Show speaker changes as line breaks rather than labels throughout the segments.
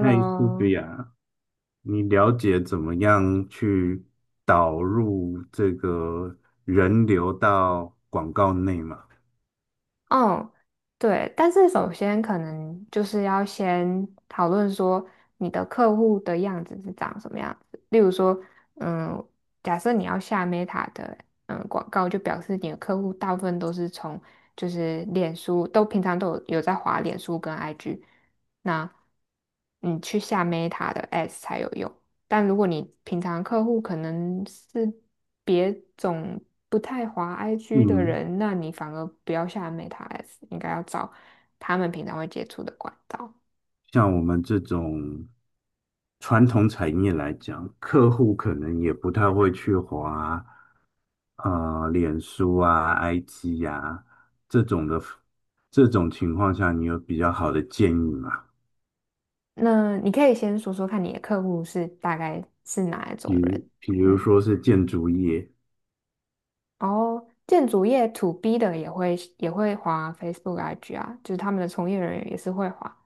嗨苏菲 亚，你了解怎么样去导入这个人流到广告内吗？
哦，对，但是首先可能就是要先讨论说你的客户的样子是长什么样子。例如说，嗯，假设你要下 Meta 的广告，就表示你的客户大部分都是从就是脸书，都平常都有在滑脸书跟 IG,那你去下 Meta 的 Ads 才有用。但如果你平常客户可能是别种不太滑 IG 的
嗯，
人，那你反而不要下 Meta S,应该要找他们平常会接触的管道。
像我们这种传统产业来讲，客户可能也不太会去划啊，脸书啊、IG 呀、这种的，这种情况下，你有比较好的建议吗？
那你可以先说说看你的客户是大概是哪一
比
种
如，
人。
比如
嗯，
说是建筑业，
然后建筑业 to B 的也会滑 Facebook IG 啊，就是他们的从业人员也是会滑。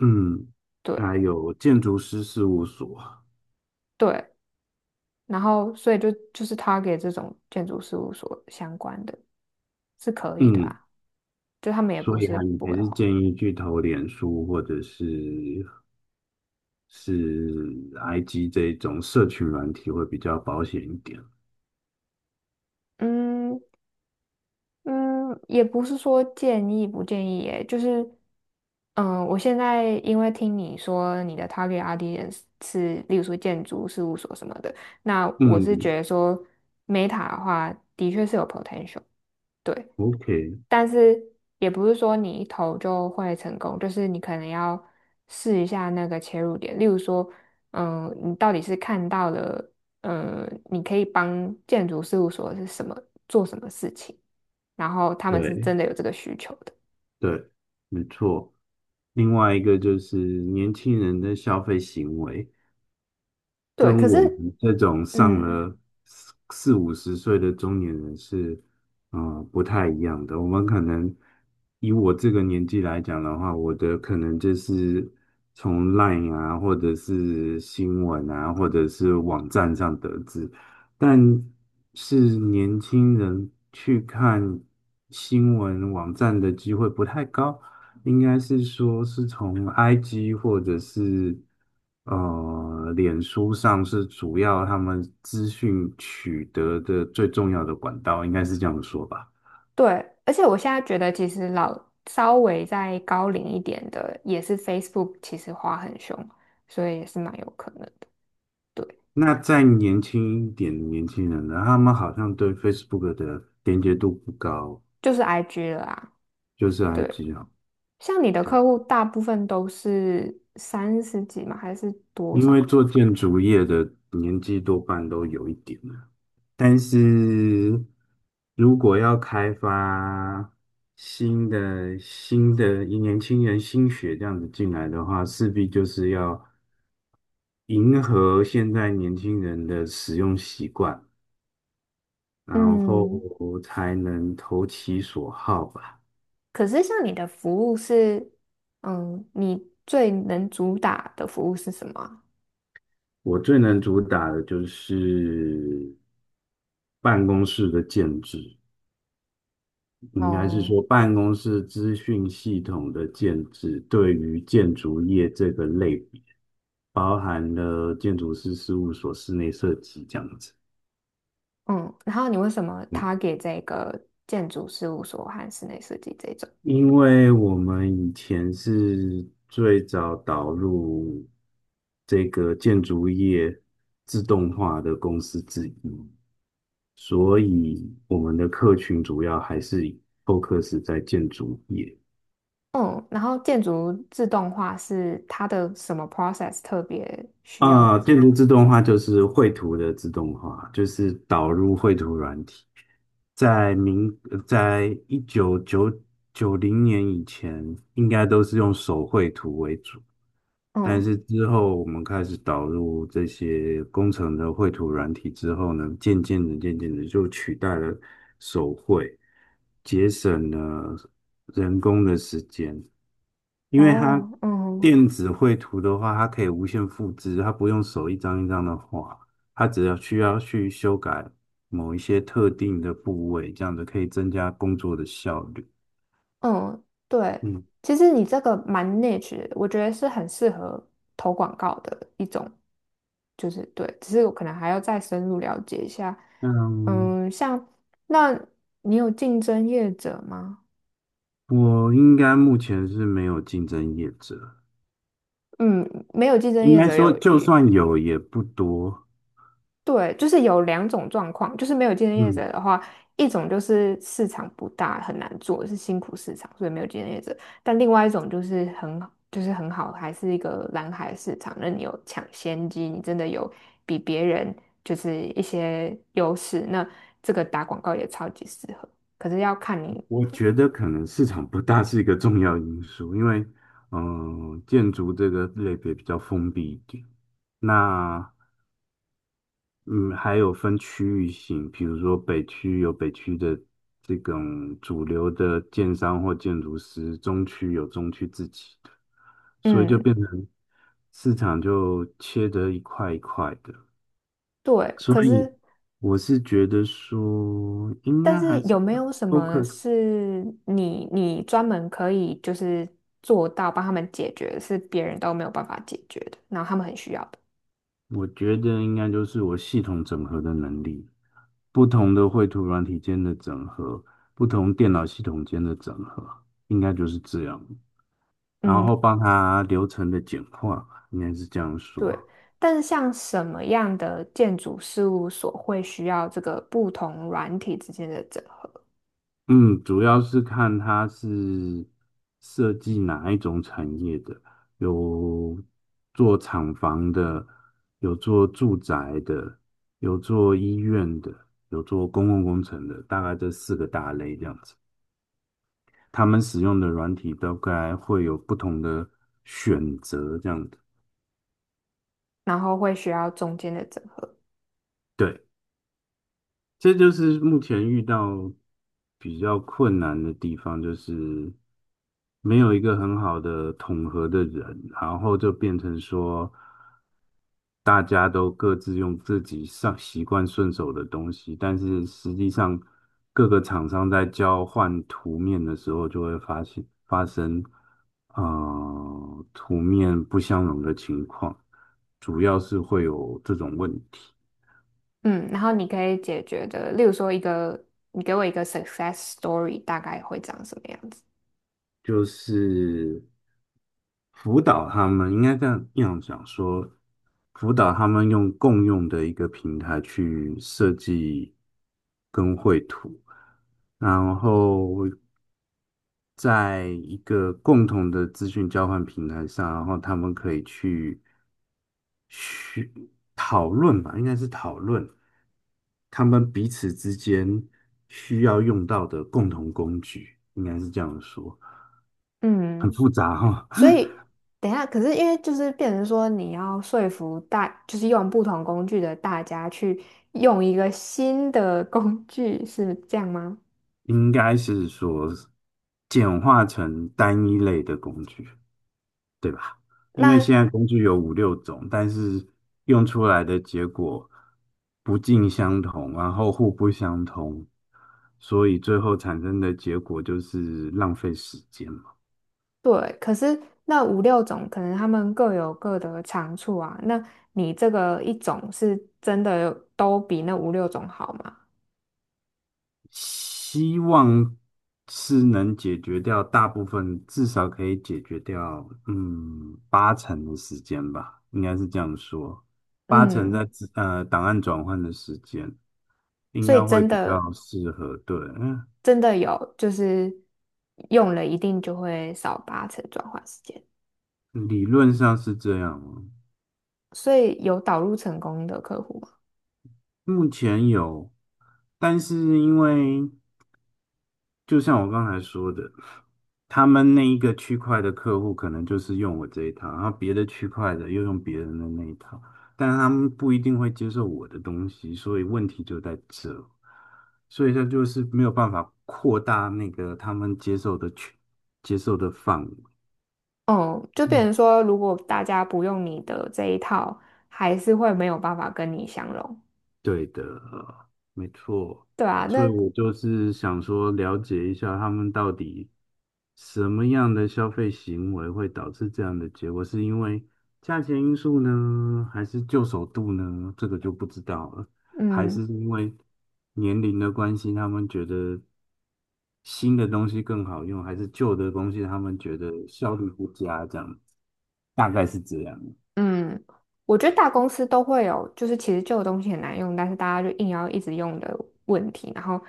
嗯，
对
还有建筑师事务所。
对，然后所以就是 Target 这种建筑事务所相关的是可以的
嗯，
啊。就他们也
所
不
以
是
啊，你
不
还
会
是
画。
建议去投脸书或者是 IG 这一种社群软体会比较保险一点。
嗯嗯，也不是说建议不建议耶，就是我现在因为听你说你的 target audience 是，例如说建筑事务所什么的，那我是
嗯
觉得说 Meta 的话，的确是有 potential。对，
，OK，
但是也不是说你一投就会成功，就是你可能要试一下那个切入点。例如说，你到底是看到了，你可以帮建筑事务所是什么做什么事情，然后他们是
对
真的有这个需求的。
对，没错。另外一个就是年轻人的消费行为，
对，
跟
可是，
我们这种上
嗯，
了四四五十岁的中年人是，不太一样的。我们可能以我这个年纪来讲的话，我的可能就是从 LINE 啊，或者是新闻啊，或者是网站上得知，但是年轻人去看新闻网站的机会不太高。应该是说是从 IG 或者是脸书上是主要他们资讯取得的最重要的管道，应该是这样说吧。
对，而且我现在觉得，其实老稍微再高龄一点的，也是 Facebook 其实花很凶，所以也是蛮有可能的。对，
那再年轻一点的年轻人呢，他们好像对 Facebook 的连接度不高，
就是 IG 了啊。
就是
对。
IG 啊，
像你的
对啊，
客户大部分都是三十几吗？还是多
因
少
为
啊？
做建筑业的年纪多半都有一点了，但是如果要开发新的年轻人新血这样子进来的话，势必就是要迎合现在年轻人的使用习惯，然
嗯，
后才能投其所好吧。
可是像你的服务是，你最能主打的服务是什么啊。
我最能主打的就是办公室的建制。应该是
哦，
说办公室资讯系统的建制对于建筑业这个类别。包含了建筑师事务所室内设计这样子。
嗯，然后你为什么
嗯
他给这个建筑事务所和室内设计这种？
因为我们以前是最早导入这个建筑业自动化的公司之一，所以我们的客群主要还是 f o c u 在建筑业。
嗯，然后建筑自动化是它的什么 process 特别需要
啊，
这。
电路自动化就是绘图的自动化，就是导入绘图软体。在明，在一九九九零年以前，应该都是用手绘图为主，但
嗯，
是之后我们开始导入这些工程的绘图软体之后呢，渐渐的、渐渐的就取代了手绘，节省了人工的时间。因为它
哦，嗯
电子绘图的话，它可以无限复制，它不用手一张一张的画，它只要需要去修改某一些特定的部位，这样子可以增加工作的效率。
嗯，对，
嗯
其实你这个蛮 niche,的我觉得是很适合投广告的一种，就是对，只是我可能还要再深入了解一下。
嗯，
像那你有竞争业者吗？
我应该目前是没有竞争业者，
嗯，没有竞争
应
业
该
者
说
有
就算有也不多。
对，就是有两种状况，就是没有竞争业
嗯，
者的话，一种就是市场不大，很难做，是辛苦市场，所以没有竞争业者；但另外一种就是很好，就是很好，还是一个蓝海市场，那你有抢先机，你真的有比别人就是一些优势，那这个打广告也超级适合。可是要看你，
我觉得可能市场不大是一个重要因素，因为建筑这个类别比较封闭一点。那嗯，还有分区域性，比如说北区有北区的这种主流的建商或建筑师，中区有中区自己的，所以就
嗯，
变成市场就切得一块一块的。
对，
所
可
以
是。
我是觉得说，应
但
该
是
还是
有没
要
有什么
focus，
是你专门可以就是做到帮他们解决，是别人都没有办法解决的，然后他们很需要的？
我觉得应该就是我系统整合的能力，不同的绘图软体间的整合，不同电脑系统间的整合，应该就是这样。然
嗯，
后帮他流程的简化吧，应该是这样
对。
说。
但是像什么样的建筑事务所会需要这个不同软体之间的整合，
嗯，主要是看他是设计哪一种产业的，有做厂房的，有做住宅的，有做医院的，有做公共工程的，大概这四个大类这样子。他们使用的软体大概会有不同的选择，这样子。
然后会需要中间的整合？
对。这就是目前遇到比较困难的地方，就是没有一个很好的统合的人，然后就变成说，大家都各自用自己上习惯顺手的东西，但是实际上各个厂商在交换图面的时候，就会发现发生图面不相容的情况，主要是会有这种问题。
嗯，然后你可以解决的，例如说一个，你给我一个 success story,大概会长什么样子？
就是辅导他们，应该这样讲说，辅导他们用共用的一个平台去设计跟绘图，然后在一个共同的资讯交换平台上，然后他们可以去讨论吧，应该是讨论他们彼此之间需要用到的共同工具，应该是这样说。很
嗯。
复杂哈、哦
所 以等一下，可是因为就是变成说你要说服大，就是用不同工具的大家去用一个新的工具，是这样吗？
应该是说简化成单一类的工具，对吧？因为
那
现在工具有五六种，但是用出来的结果不尽相同，然后互不相通，所以最后产生的结果就是浪费时间。
对，可是那五六种可能他们各有各的长处啊。那你这个一种是真的有都比那五六种好吗？
希望是能解决掉大部分，至少可以解决掉，八成的时间吧，应该是这样说，八成在
嗯，
资档案转换的时间应
所以
该会
真
比
的
较适合，对，嗯，
真的有，就是用了一定就会少八成转换时间，
理论上是这样哦。
所以有导入成功的客户吗？
目前有，但是因为。就像我刚才说的，他们那一个区块的客户可能就是用我这一套，然后别的区块的又用别人的那一套，但是他们不一定会接受我的东西，所以问题就在这，所以他就是没有办法扩大那个他们接受的范围。
哦，就变
嗯，
成说，如果大家不用你的这一套，还是会没有办法跟你相容，
对的，没错。
对啊，
所以
那
我就是想说，了解一下他们到底什么样的消费行为会导致这样的结果，是因为价钱因素呢，还是旧手度呢？这个就不知道了，还是
嗯
因为年龄的关系，他们觉得新的东西更好用，还是旧的东西他们觉得效率不佳，这样大概是这样。
嗯，我觉得大公司都会有，就是其实旧的东西很难用，但是大家就硬要一直用的问题，然后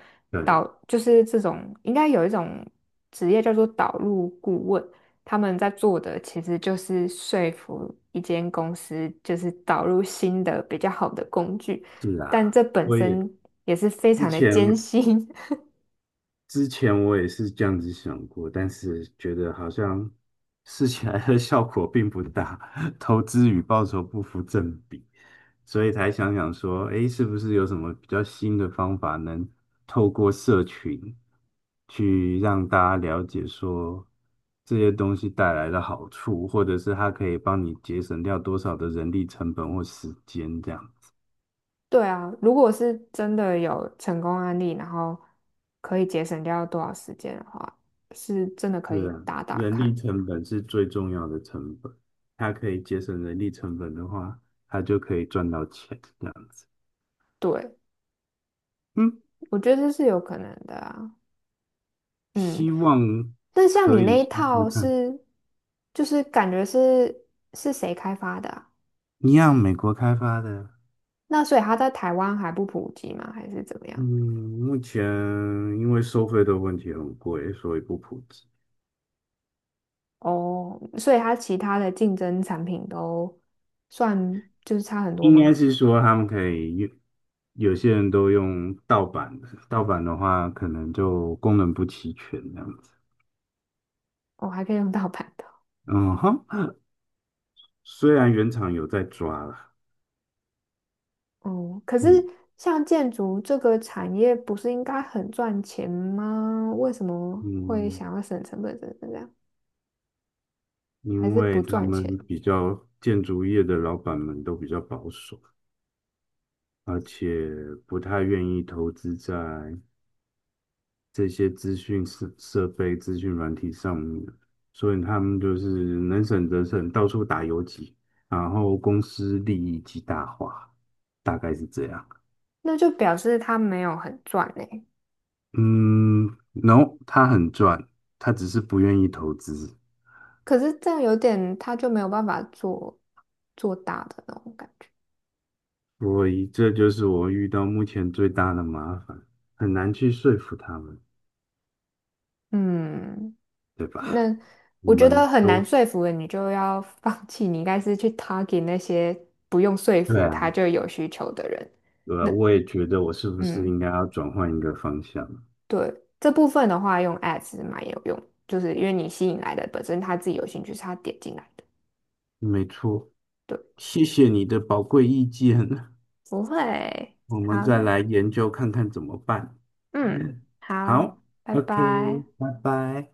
导
对，
就是这种应该有一种职业叫做导入顾问，他们在做的其实就是说服一间公司，就是导入新的比较好的工具。
是
但
啊，
这本
我也
身也是非
之
常的
前。
艰辛。
之前我也是这样子想过，但是觉得好像试起来的效果并不大，投资与报酬不符正比，所以才想想说，诶，是不是有什么比较新的方法，能透过社群去让大家了解说这些东西带来的好处，或者是它可以帮你节省掉多少的人力成本或时间这样。子。
对啊，如果是真的有成功案例，然后可以节省掉多少时间的话，是真的可
是
以
啊，
打打
人
看。
力成本是最重要的成本，它可以节省人力成本的话，它就可以赚到钱，这样子。
对，
嗯，
我觉得这是有可能的啊。嗯，
希望
但像
可
你
以
那一
试试
套
看。
是，就是感觉是谁开发的啊？
一样，美国开发的，
那所以它在台湾还不普及吗？还是怎么
嗯，
样？
目前因为收费的问题很贵，所以不普及。
哦，所以它其他的竞争产品都算就是差很多
应该
吗？
是说他们可以用，有些人都用盗版的，盗版的话可能就功能不齐全这样子。
哦，还可以用盗版的。
嗯哼，虽然原厂有在抓啦，
哦，可是
嗯。
像建筑这个产业不是应该很赚钱吗？为什么会
嗯，
想要省成本等等这样？还
因
是
为
不
他
赚钱？
们比较建筑业的老板们都比较保守，而且不太愿意投资在这些资讯设备、资讯软体上面，所以他们就是能省则省，到处打游击，然后公司利益极大化，大概是这样。
那就表示他没有很赚呢、
嗯，no，他很赚，他只是不愿意投资，
可是这样有点，他就没有办法做做大的那种感觉。
所以这就是我遇到目前最大的麻烦，很难去说服他们。
嗯，
对吧？
那
我
我觉
们
得很难
都
说服人，你就要放 弃。你应该是去 target 那些不用说
对
服他
啊，
就有需求的人。
对啊，
那
我也觉得我是不是
嗯。
应该要转换一个方向？
对，这部分的话，用 ads 蛮有用，就是因为你吸引来的本身他自己有兴趣，是他点进来的。
没错，
对，
谢谢你的宝贵意见，
不会。
我们
好，
再
那
来研究看看怎么办。
嗯，好，
好
拜
，OK，
拜。
拜拜。